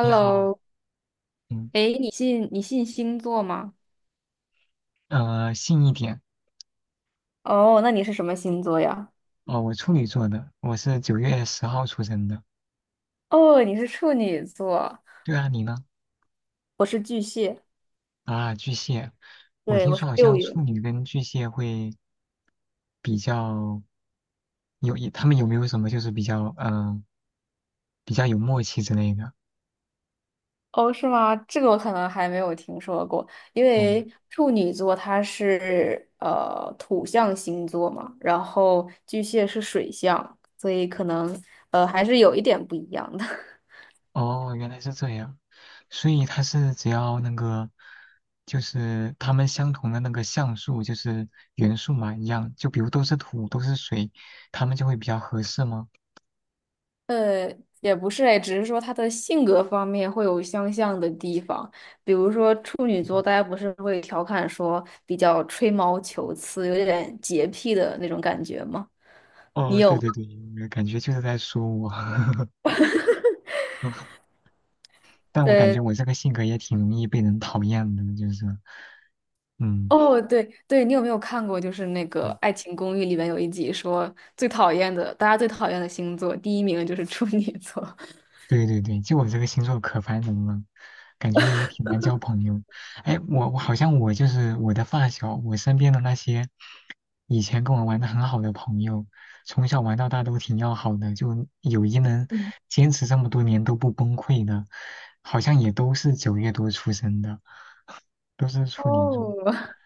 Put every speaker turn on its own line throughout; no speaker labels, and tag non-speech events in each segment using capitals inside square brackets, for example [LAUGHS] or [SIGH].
你好，嗯，
哎，你信星座吗？
信一点。
哦，那你是什么星座呀？
哦，我处女座的，我是9月10号出生的。
哦，你是处女座，
对啊，你呢？
我是巨蟹，
啊，巨蟹。我
对，
听
我是
说好
六
像处
月。
女跟巨蟹会比较有，他们有没有什么就是比较，比较有默契之类的？
哦，是吗？这个我可能还没有听说过，因
嗯。
为处女座它是土象星座嘛，然后巨蟹是水象，所以可能还是有一点不一样的。[LAUGHS]
哦，原来是这样，所以它是只要那个，就是它们相同的那个像素，就是元素嘛，一样，就比如都是土，都是水，它们就会比较合适吗？
呃，也不是哎，只是说他的性格方面会有相像的地方，比如说处女座，大家不是会调侃说比较吹毛求疵，有点洁癖的那种感觉吗？你
哦，
有
对
吗？
对对，感觉就是在说我。[LAUGHS] 但我感
呃，
觉我这个性格也挺容易被人讨厌的，就是，嗯。
哦，对对，你有没有看过就是那个
嗯，
《爱情公寓》里面有一集说最讨厌的，大家最讨厌的星座，第一名就是处女座。[LAUGHS]
对对对，就我这个星座可烦人了，感觉也挺难交朋友。哎，我好像我就是我的发小，我身边的那些以前跟我玩的很好的朋友，从小玩到大都挺要好的，就友谊能
嗯，
坚持这么多年都不崩溃的，好像也都是9月多出生的，都是处女座。
哦，[LAUGHS]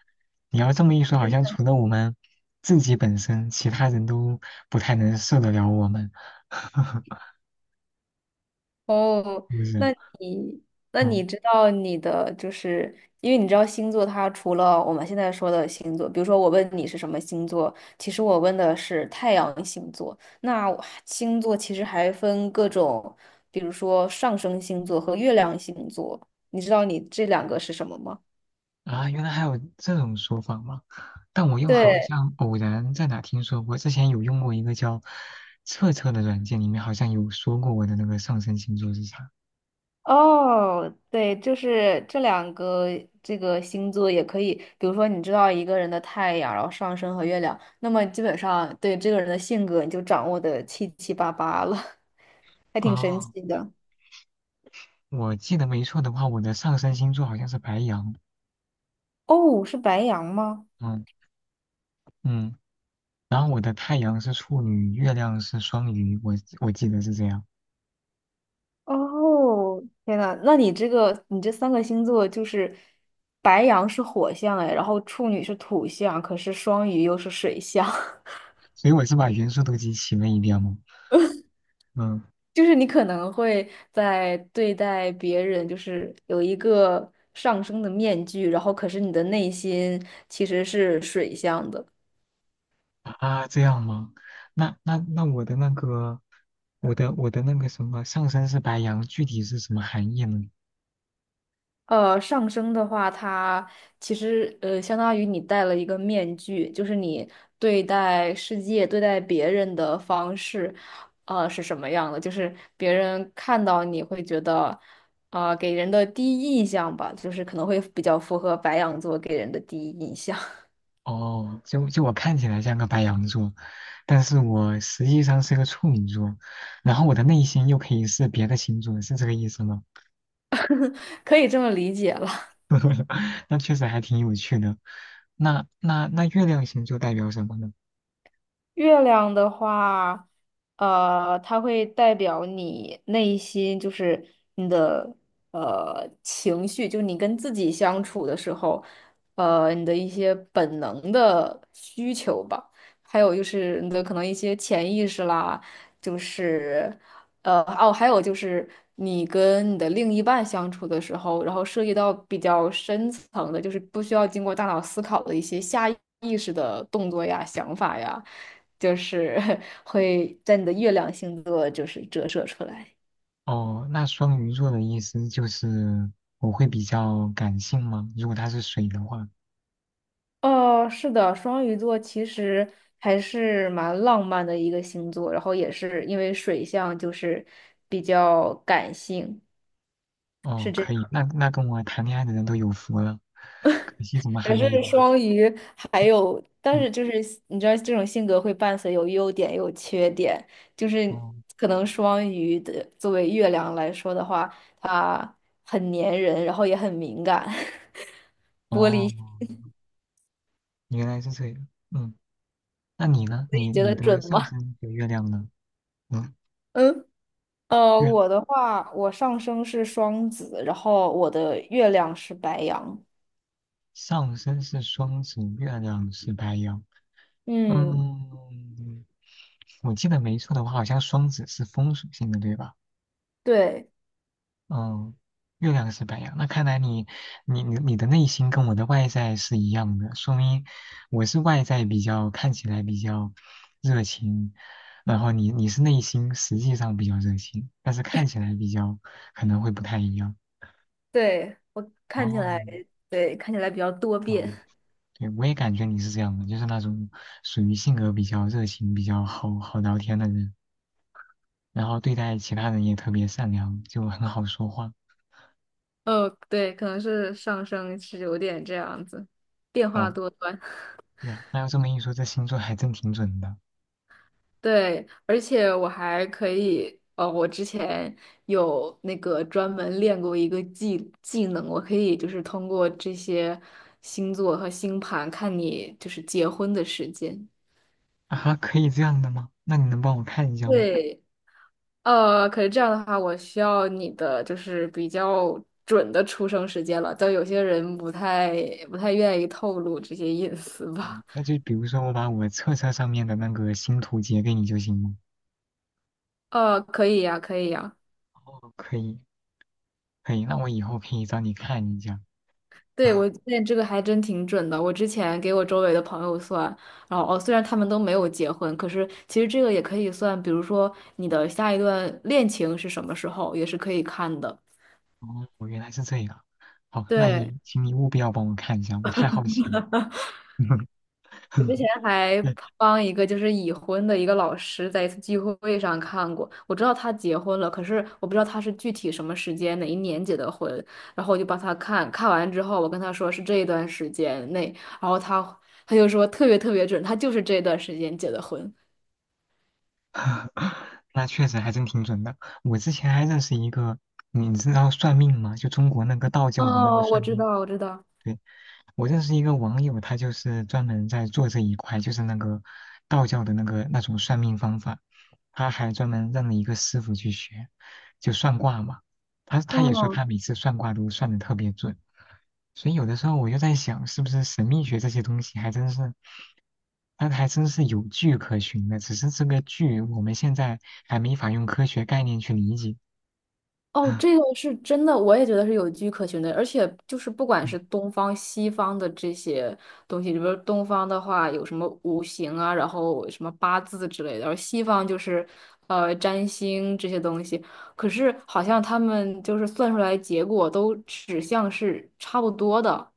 你要这么一说，好像除了我们自己本身，其他人都不太能受得了我们。[LAUGHS]
哦，
是不是？
那你那
嗯。
你知道你的就是，因为你知道星座，它除了我们现在说的星座，比如说我问你是什么星座，其实我问的是太阳星座。那我星座其实还分各种，比如说上升星座和月亮星座。你知道你这两个是什么吗？
啊，原来还有这种说法吗？但我又好
对，
像偶然在哪听说过，之前有用过一个叫测测的软件，里面好像有说过我的那个上升星座是啥。
哦，对，就是这两个这个星座也可以，比如说你知道一个人的太阳，然后上升和月亮，那么基本上对这个人的性格你就掌握的七七八八了，[LAUGHS] 还挺神
哦，
奇的。
我记得没错的话，我的上升星座好像是白羊。
哦，是白羊吗？
嗯。嗯，然后我的太阳是处女，月亮是双鱼，我记得是这样。
哦，天呐，那你这个你这三个星座就是白羊是火象哎，然后处女是土象，可是双鱼又是水象。[LAUGHS]
所以我是把元素都集齐了一遍吗？嗯。
就是你可能会在对待别人，就是有一个上升的面具，然后可是你的内心其实是水象的。
啊，这样吗？那我的那个，我的那个什么上身是白羊，具体是什么含义呢？
呃，上升的话，它其实相当于你戴了一个面具，就是你对待世界、对待别人的方式，呃是什么样的？就是别人看到你会觉得，啊、给人的第一印象吧，就是可能会比较符合白羊座给人的第一印象。
哦，就我看起来像个白羊座，但是我实际上是个处女座，然后我的内心又可以是别的星座，是这个意思吗？
[LAUGHS] 可以这么理解了。
[LAUGHS] 那确实还挺有趣的。那月亮星座代表什么呢？
月亮的话，呃，它会代表你内心，就是你的情绪，就你跟自己相处的时候，呃，你的一些本能的需求吧，还有就是你的可能一些潜意识啦，就是。呃，哦，还有就是你跟你的另一半相处的时候，然后涉及到比较深层的，就是不需要经过大脑思考的一些下意识的动作呀、想法呀，就是 [LAUGHS] 会在你的月亮星座就是折射出来。
哦，那双鱼座的意思就是我会比较感性吗？如果他是水的话。
哦，是的，双鱼座其实还是蛮浪漫的一个星座，然后也是因为水象就是比较感性。
哦，
是这。
可以，那跟我谈恋爱的人都有福了，可惜怎么还
可
没有
是
啊？
双鱼还有，但
嗯。
是就是你知道，这种性格会伴随有优点也有缺点，就是
哦，
可能双鱼的作为月亮来说的话，它很粘人，然后也很敏感，[LAUGHS]
哦，原来是这样，嗯。那你呢？
你
你
觉
你
得
的
准
上
吗？
升和月亮呢？嗯。
嗯，呃，
月
我的话，我上升是双子，然后我的月亮是白羊。
上升是双子，月亮是白羊。
嗯，
嗯，我记得没错的话，好像双子是风属性的，对吧？
对
嗯。月亮是白羊，那看来你你的内心跟我的外在是一样的，说明我是外在比较看起来比较热情，然后你是内心实际上比较热情，但是看起来比较可能会不太一样。
对，我看起
哦，
来对看起来比较多
嗯，
变。
对，我也感觉你是这样的，就是那种属于性格比较热情、比较好好聊天的人，然后对待其他人也特别善良，就很好说话。
哦，对，可能是上升是有点这样子，变化
嗯，
多端。[LAUGHS]
对啊，那要这么一说，这星座还真挺准的。
对，而且我还可以，呃，我之前有那个专门练过一个技能，我可以就是通过这些星座和星盘看你就是结婚的时间。
啊，可以这样的吗？那你能帮我看一下吗？
对，呃，可是这样的话，我需要你的就是比较准的出生时间了，但有些人不太愿意透露这些隐私
哦，
吧。[LAUGHS]
那就比如说我把我册册上面的那个星图截给你就行了。
呃，可以呀，可以呀。
哦，可以，可以，那我以后可以找你看一下。
对，
[LAUGHS]
我发现这个还真挺准的。我之前给我周围的朋友算，然后哦，虽然他们都没有结婚，可是其实这个也可以算，比如说你的下一段恋情是什么时候，也是可以看的。
啊，哦，原来是这样。好，那
对，
你请你务必要帮我看一下，我太好奇了。
我之前
[LAUGHS]
还
对。
帮一个就是已婚的一个老师在一次聚会上看过，我知道他结婚了，可是我不知道他是具体什么时间哪一年结的婚，然后我就帮他看，看完之后我跟他说是这一段时间内，然后他就说特别特别准，他就是这段时间结的婚。
[LAUGHS] 那确实还真挺准的。我之前还认识一个，你知道算命吗？就中国那个道教的那个
哦，我
算
知
命。
道，我知道。
对。我认识一个网友，他就是专门在做这一块，就是那个道教的那个那种算命方法，他还专门认了一个师傅去学，就算卦嘛。他也说
嗯，
他每次算卦都算的特别准，所以有的时候我就在想，是不是神秘学这些东西还真是，它还真是有据可循的，只是这个据我们现在还没法用科学概念去理解。
哦，
[LAUGHS]
这个是真的，我也觉得是有据可循的，而且就是不管
嗯，
是东方、西方的这些东西，比如说东方的话有什么五行啊，然后什么八字之类的，而西方就是占星这些东西，可是好像他们就是算出来结果都指向是差不多的。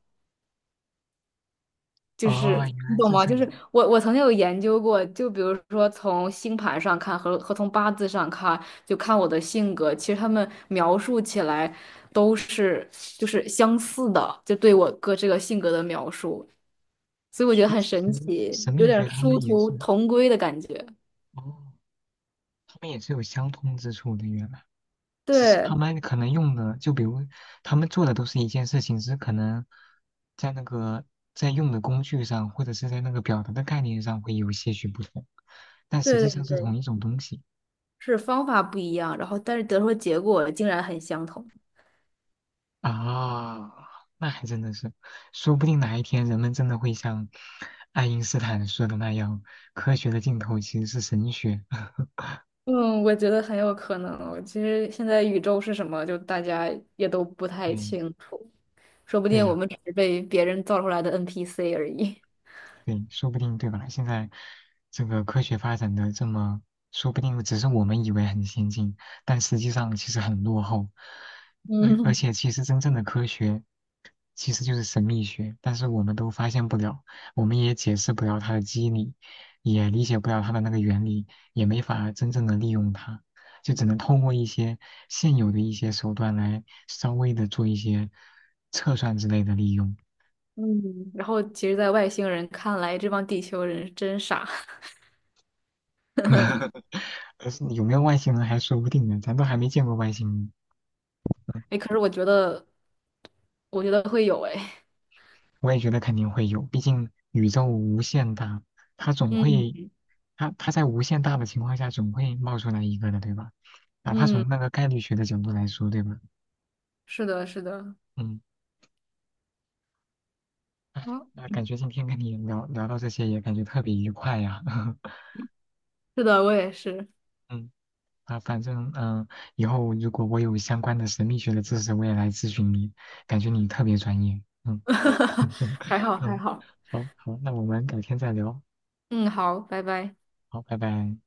就
哦，
是
原
你
来
懂
是
吗？
这
就
样，
是我曾经有研究过，就比如说从星盘上看和从八字上看，就看我的性格，其实他们描述起来都是就是相似的，就对我哥这个性格的描述，所以我觉
所
得
以
很
其
神
实
奇，
神
有
秘学
点
他们
殊
也
途
是，
同归的感觉。
哦。他们也是有相通之处的，原来只是
对
他们可能用的，就比如他们做的都是一件事情，只是可能在那个在用的工具上，或者是在那个表达的概念上会有些许不同，但实
对
际上
对
是
对，
同一种东西。
是方法不一样，然后但是得出的结果竟然很相同。
啊，那还真的是，说不定哪一天人们真的会像爱因斯坦说的那样，科学的尽头其实是神学。[LAUGHS]
嗯，我觉得很有可能。其实现在宇宙是什么，就大家也都不太
对
清楚。说不
对
定我
呀、
们只是被别人造出来的 NPC 而已。[LAUGHS]
对，说不定对吧？现在这个科学发展的这么，说不定只是我们以为很先进，但实际上其实很落后。而而
嗯
且，其实真正的科学其实就是神秘学，但是我们都发现不了，我们也解释不了它的机理，也理解不了它的那个原理，也没法真正的利用它，就只能通过一些现有的一些手段来稍微的做一些测算之类的利用。
嗯，然后其实，在外星人看来，这帮地球人真傻。
[LAUGHS] 可是有没有外星人还说不定呢，咱都还没见过外星人。
[LAUGHS] 哎，可是我觉得，我觉得会有哎。
我也觉得肯定会有，毕竟宇宙无限大，它总
嗯
会，它在无限大的情况下总会冒出来一个的，对吧？哪怕
嗯，
从那个概率学的角度来说，对吧？
是的，是的，
嗯。哎，
啊，
那感觉今天跟你聊到这些也感觉特别愉快呀。[LAUGHS]
是的，我也是。
嗯，啊，反正以后如果我有相关的神秘学的知识，我也来咨询你，感觉你特别专业。嗯。
[LAUGHS]
[LAUGHS]
还好，还
嗯，
好。
好好，那我们改天再聊。
嗯，好，拜拜。
好，拜拜。